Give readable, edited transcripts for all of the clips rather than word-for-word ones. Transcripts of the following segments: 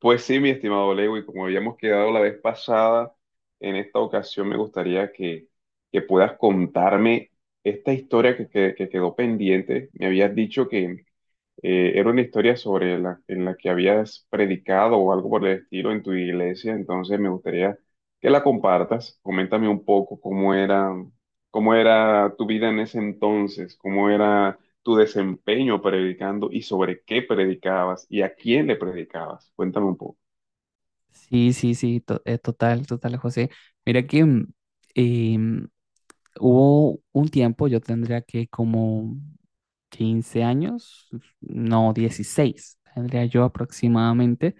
Pues sí, mi estimado Lewis, como habíamos quedado la vez pasada, en esta ocasión me gustaría que puedas contarme esta historia que quedó pendiente. Me habías dicho que era una historia sobre la, en la que habías predicado o algo por el estilo en tu iglesia, entonces me gustaría que la compartas. Coméntame un poco cómo era tu vida en ese entonces, cómo era tu desempeño predicando y sobre qué predicabas y a quién le predicabas. Cuéntame un poco. Sí, sí, sí, total, total, José. Mira que em, hubo un tiempo, yo tendría que como 15 años, no, 16, tendría yo aproximadamente,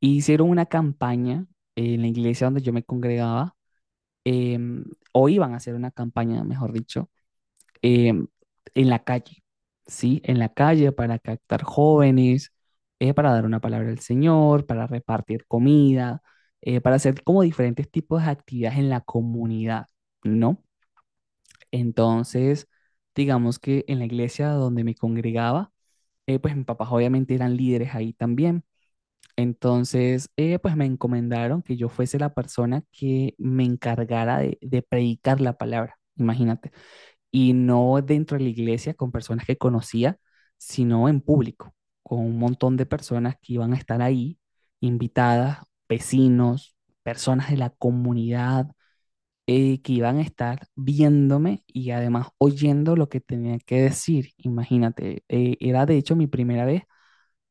y hicieron una campaña en la iglesia donde yo me congregaba, em, o iban a hacer una campaña, mejor dicho, eh, en la calle, ¿sí? En la calle para captar jóvenes, para dar una palabra al Señor, para repartir comida, para hacer como diferentes tipos de actividades en la comunidad, ¿no? Entonces, digamos que en la iglesia donde me congregaba, pues mis papás obviamente eran líderes ahí también. Entonces, pues me encomendaron que yo fuese la persona que me encargara de predicar la palabra, imagínate, y no dentro de la iglesia con personas que conocía, sino en público, con un montón de personas que iban a estar ahí, invitadas, vecinos, personas de la comunidad, que iban a estar viéndome y además oyendo lo que tenía que decir. Imagínate, era de hecho mi primera vez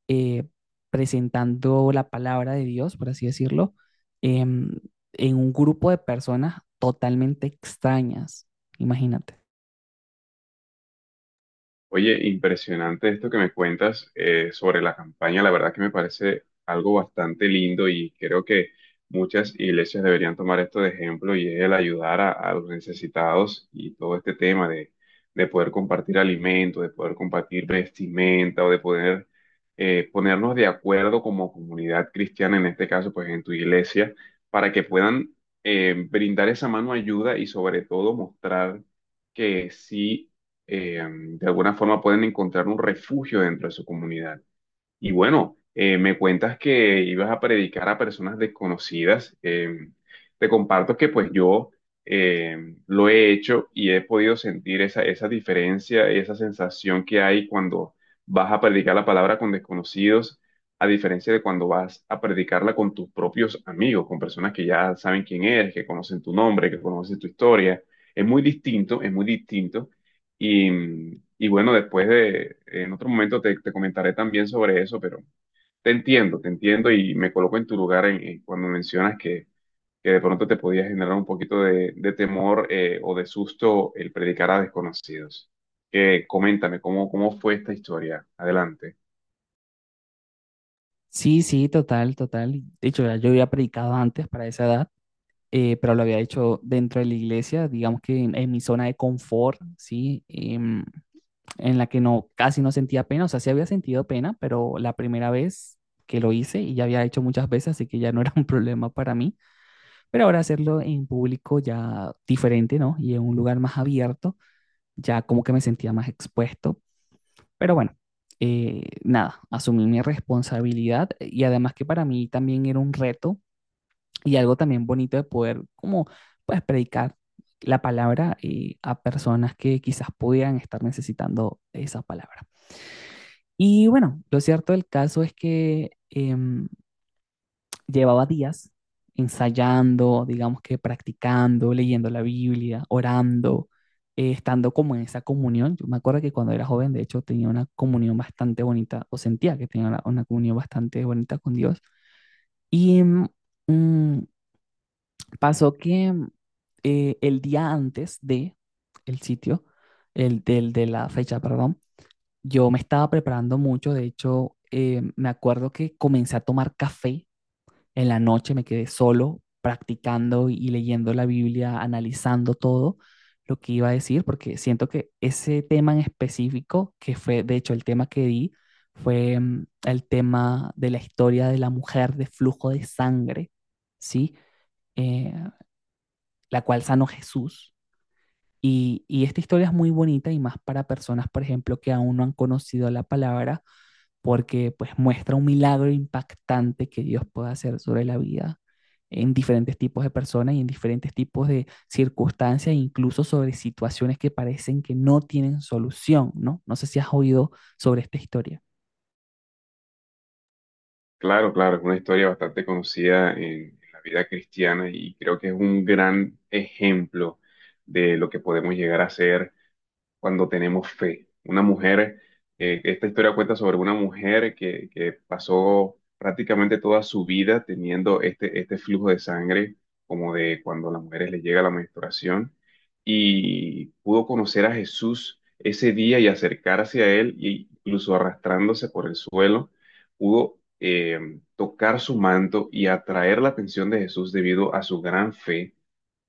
eh, presentando la palabra de Dios, por así decirlo, em, en un grupo de personas totalmente extrañas. Imagínate. Oye, impresionante esto que me cuentas sobre la campaña. La verdad que me parece algo bastante lindo y creo que muchas iglesias deberían tomar esto de ejemplo y es el ayudar a los necesitados y todo este tema de poder compartir alimentos, de poder compartir vestimenta o de poder ponernos de acuerdo como comunidad cristiana, en este caso, pues en tu iglesia, para que puedan brindar esa mano ayuda y sobre todo mostrar que sí, de alguna forma pueden encontrar un refugio dentro de su comunidad. Y bueno, me cuentas que ibas a predicar a personas desconocidas. Te comparto que pues yo, lo he hecho y he podido sentir esa diferencia, esa sensación que hay cuando vas a predicar la palabra con desconocidos, a diferencia de cuando vas a predicarla con tus propios amigos, con personas que ya saben quién eres, que conocen tu nombre, que conocen tu historia. Es muy distinto, es muy distinto. Y bueno, después de, en otro momento te comentaré también sobre eso, pero te entiendo y me coloco en tu lugar en cuando mencionas que de pronto te podía generar un poquito de temor, o de susto el predicar a desconocidos. Coméntame, ¿cómo, cómo fue esta historia? Adelante. Sí, sí, total, total. De hecho, ya yo había predicado antes para esa edad, pero lo había hecho dentro de la iglesia, digamos que en mi zona de confort, ¿sí? En la que no, casi no sentía pena, o sea, sí había sentido pena, pero la primera vez que lo hice y ya había hecho muchas veces, así que ya no era un problema para mí, pero ahora hacerlo en público ya diferente, ¿no? Y en un lugar más abierto, ya como que me sentía más expuesto, pero bueno, nada, asumí mi responsabilidad, y además que para mí también era un reto y algo también bonito de poder como pues predicar la palabra, a personas que quizás pudieran estar necesitando esa palabra. Y bueno, lo cierto del caso es que llevaba días ensayando, digamos que practicando, leyendo la Biblia, orando, estando como en esa comunión. Yo me acuerdo que cuando era joven, de hecho, tenía una comunión bastante bonita, o sentía que tenía una comunión bastante bonita con Dios. Y mm, pasó que el día antes de el sitio, el de la fecha, perdón, yo me estaba preparando mucho, de hecho, me acuerdo que comencé a tomar café en la noche, me quedé solo practicando y leyendo la Biblia, analizando todo lo que iba a decir, porque siento que ese tema en específico, que fue de hecho el tema que di, fue, el tema de la historia de la mujer de flujo de sangre, ¿sí? Eh, la cual sanó Jesús. Y esta historia es muy bonita y más para personas, por ejemplo, que aún no han conocido la palabra porque pues muestra un milagro impactante que Dios puede hacer sobre la vida en diferentes tipos de personas y en diferentes tipos de circunstancias, incluso sobre situaciones que parecen que no tienen solución, ¿no? No sé si has oído sobre esta historia. Claro, claro, es una historia bastante conocida en la vida cristiana y creo que es un gran ejemplo de lo que podemos llegar a hacer cuando tenemos fe. Una mujer, esta historia cuenta sobre una mujer que pasó prácticamente toda su vida teniendo este, este flujo de sangre, como de cuando a las mujeres les llega la menstruación, y pudo conocer a Jesús ese día y acercarse a él, e incluso arrastrándose por el suelo, pudo tocar su manto y atraer la atención de Jesús debido a su gran fe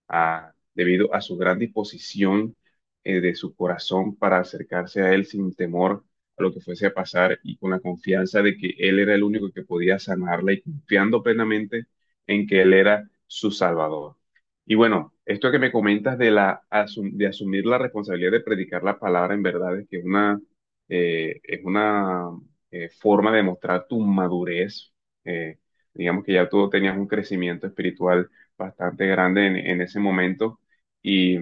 debido a su gran disposición, de su corazón para acercarse a Él sin temor a lo que fuese a pasar y con la confianza de que Él era el único que podía sanarla y confiando plenamente en que Él era su Salvador. Y bueno, esto que me comentas de, la, de asumir la responsabilidad de predicar la palabra en verdad es que una, es una, forma de mostrar tu madurez. eh, digamos que ya tú tenías un crecimiento espiritual bastante grande en ese momento. Y,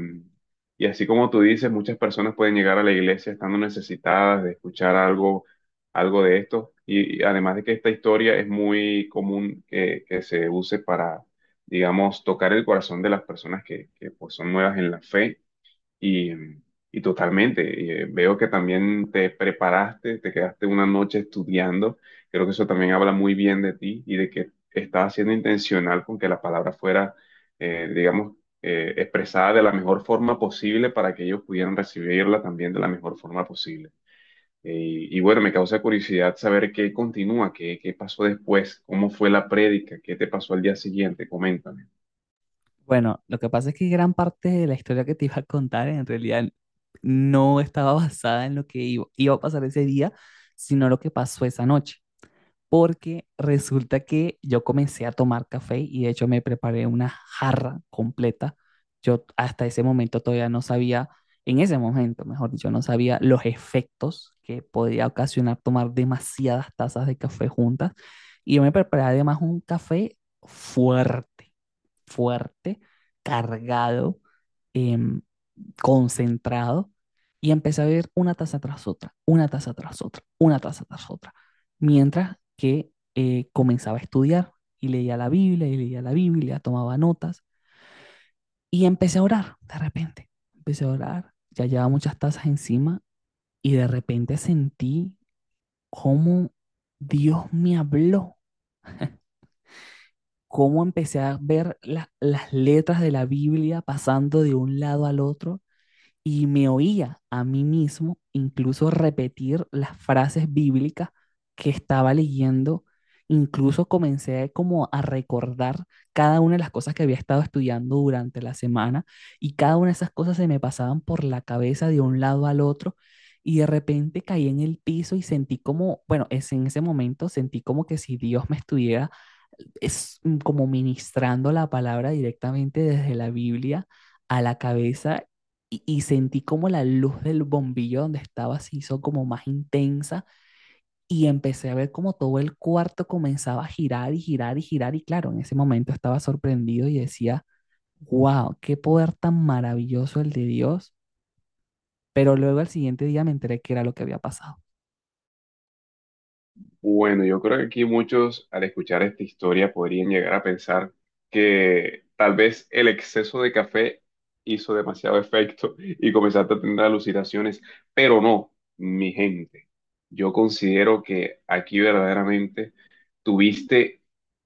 y así como tú dices, muchas personas pueden llegar a la iglesia estando necesitadas de escuchar algo, algo de esto. Y además de que esta historia es muy común que se use para, digamos, tocar el corazón de las personas que pues, son nuevas en la fe y, y totalmente, y, veo que también te preparaste, te quedaste una noche estudiando. Creo que eso también habla muy bien de ti y de que estabas siendo intencional con que la palabra fuera, digamos, expresada de la mejor forma posible para que ellos pudieran recibirla también de la mejor forma posible. Y bueno, me causa curiosidad saber qué continúa, qué, qué pasó después, cómo fue la prédica, qué te pasó al día siguiente, coméntame. Bueno, lo que pasa es que gran parte de la historia que te iba a contar en realidad no estaba basada en lo que iba a pasar ese día, sino lo que pasó esa noche, porque resulta que yo comencé a tomar café y de hecho me preparé una jarra completa. Yo hasta ese momento todavía no sabía, en ese momento, mejor dicho, no sabía los efectos que podía ocasionar tomar demasiadas tazas de café juntas. Y yo me preparé además un café fuerte, fuerte, cargado, em, concentrado. Y empecé a beber una taza tras otra, una taza tras otra, una taza tras otra, mientras que comenzaba a estudiar y leía la Biblia y leía la Biblia, tomaba notas, y empecé a orar de repente. Empecé a orar, ya llevaba muchas tazas encima y de repente sentí cómo Dios me habló, cómo empecé a ver las letras de la Biblia pasando de un lado al otro y me oía a mí mismo incluso repetir las frases bíblicas que estaba leyendo, incluso comencé como a recordar cada una de las cosas que había estado estudiando durante la semana y cada una de esas cosas se me pasaban por la cabeza de un lado al otro y de repente caí en el piso y sentí como, bueno, es en ese momento sentí como que si Dios me estuviera, es como ministrando la palabra directamente desde la Biblia a la cabeza. Y, y sentí como la luz del bombillo donde estaba se hizo como más intensa y empecé a ver como todo el cuarto comenzaba a girar y girar y girar, y claro, en ese momento estaba sorprendido y decía, wow, qué poder tan maravilloso el de Dios, pero luego al siguiente día me enteré que era lo que había pasado. Bueno, yo creo que aquí muchos al escuchar esta historia podrían llegar a pensar que tal vez el exceso de café hizo demasiado efecto y comenzaste a tener alucinaciones, pero no, mi gente. Yo considero que aquí verdaderamente tuviste,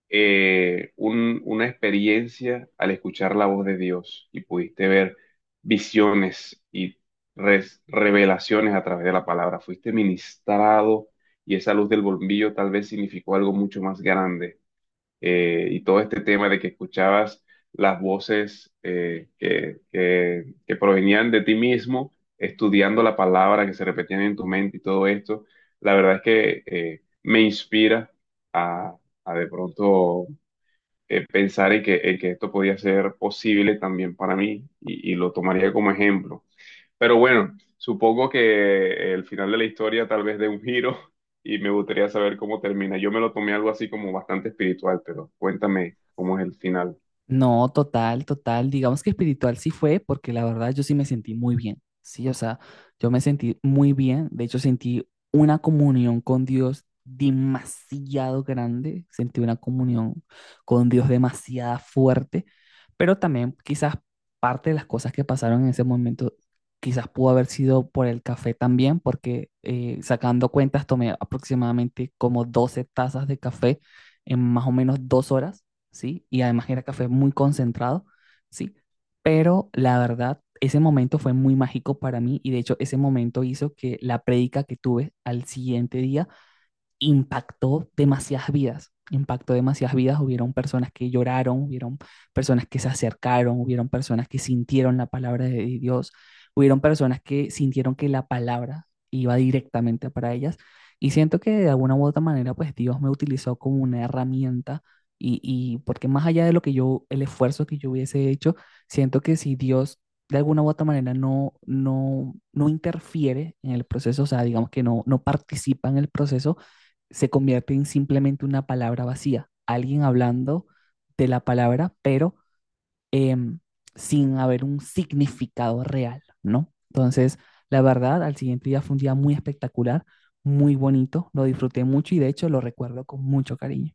una experiencia al escuchar la voz de Dios y pudiste ver visiones y revelaciones a través de la palabra. Fuiste ministrado y esa luz del bombillo tal vez significó algo mucho más grande, y todo este tema de que escuchabas las voces que provenían de ti mismo, estudiando la palabra que se repetían en tu mente y todo esto, la verdad es que, me inspira a, a de pronto, pensar en que esto podía ser posible también para mí y lo tomaría como ejemplo. Pero bueno, supongo que el final de la historia tal vez dé un giro y me gustaría saber cómo termina. Yo me lo tomé algo así como bastante espiritual, pero cuéntame cómo es el final. No, total, total. Digamos que espiritual sí fue, porque la verdad yo sí me sentí muy bien. Sí, o sea, yo me sentí muy bien. De hecho, sentí una comunión con Dios demasiado grande. Sentí una comunión con Dios demasiado fuerte. Pero también quizás parte de las cosas que pasaron en ese momento, quizás pudo haber sido por el café también, porque, sacando cuentas tomé aproximadamente como 12 tazas de café en más o menos 2 horas. ¿Sí? Y además era café muy concentrado, ¿sí? Pero la verdad, ese momento fue muy mágico para mí y de hecho ese momento hizo que la prédica que tuve al siguiente día impactó demasiadas vidas, hubieron personas que lloraron, hubieron personas que se acercaron, hubieron personas que sintieron la palabra de Dios, hubieron personas que sintieron que la palabra iba directamente para ellas y siento que de alguna u otra manera pues Dios me utilizó como una herramienta, y porque más allá de lo que yo, el esfuerzo que yo hubiese hecho, siento que si Dios de alguna u otra manera no, no interfiere en el proceso, o sea, digamos que no, no participa en el proceso, se convierte en simplemente una palabra vacía, alguien hablando de la palabra, pero em, sin haber un significado real, ¿no? Entonces, la verdad, al siguiente día fue un día muy espectacular, muy bonito, lo disfruté mucho y de hecho lo recuerdo con mucho cariño.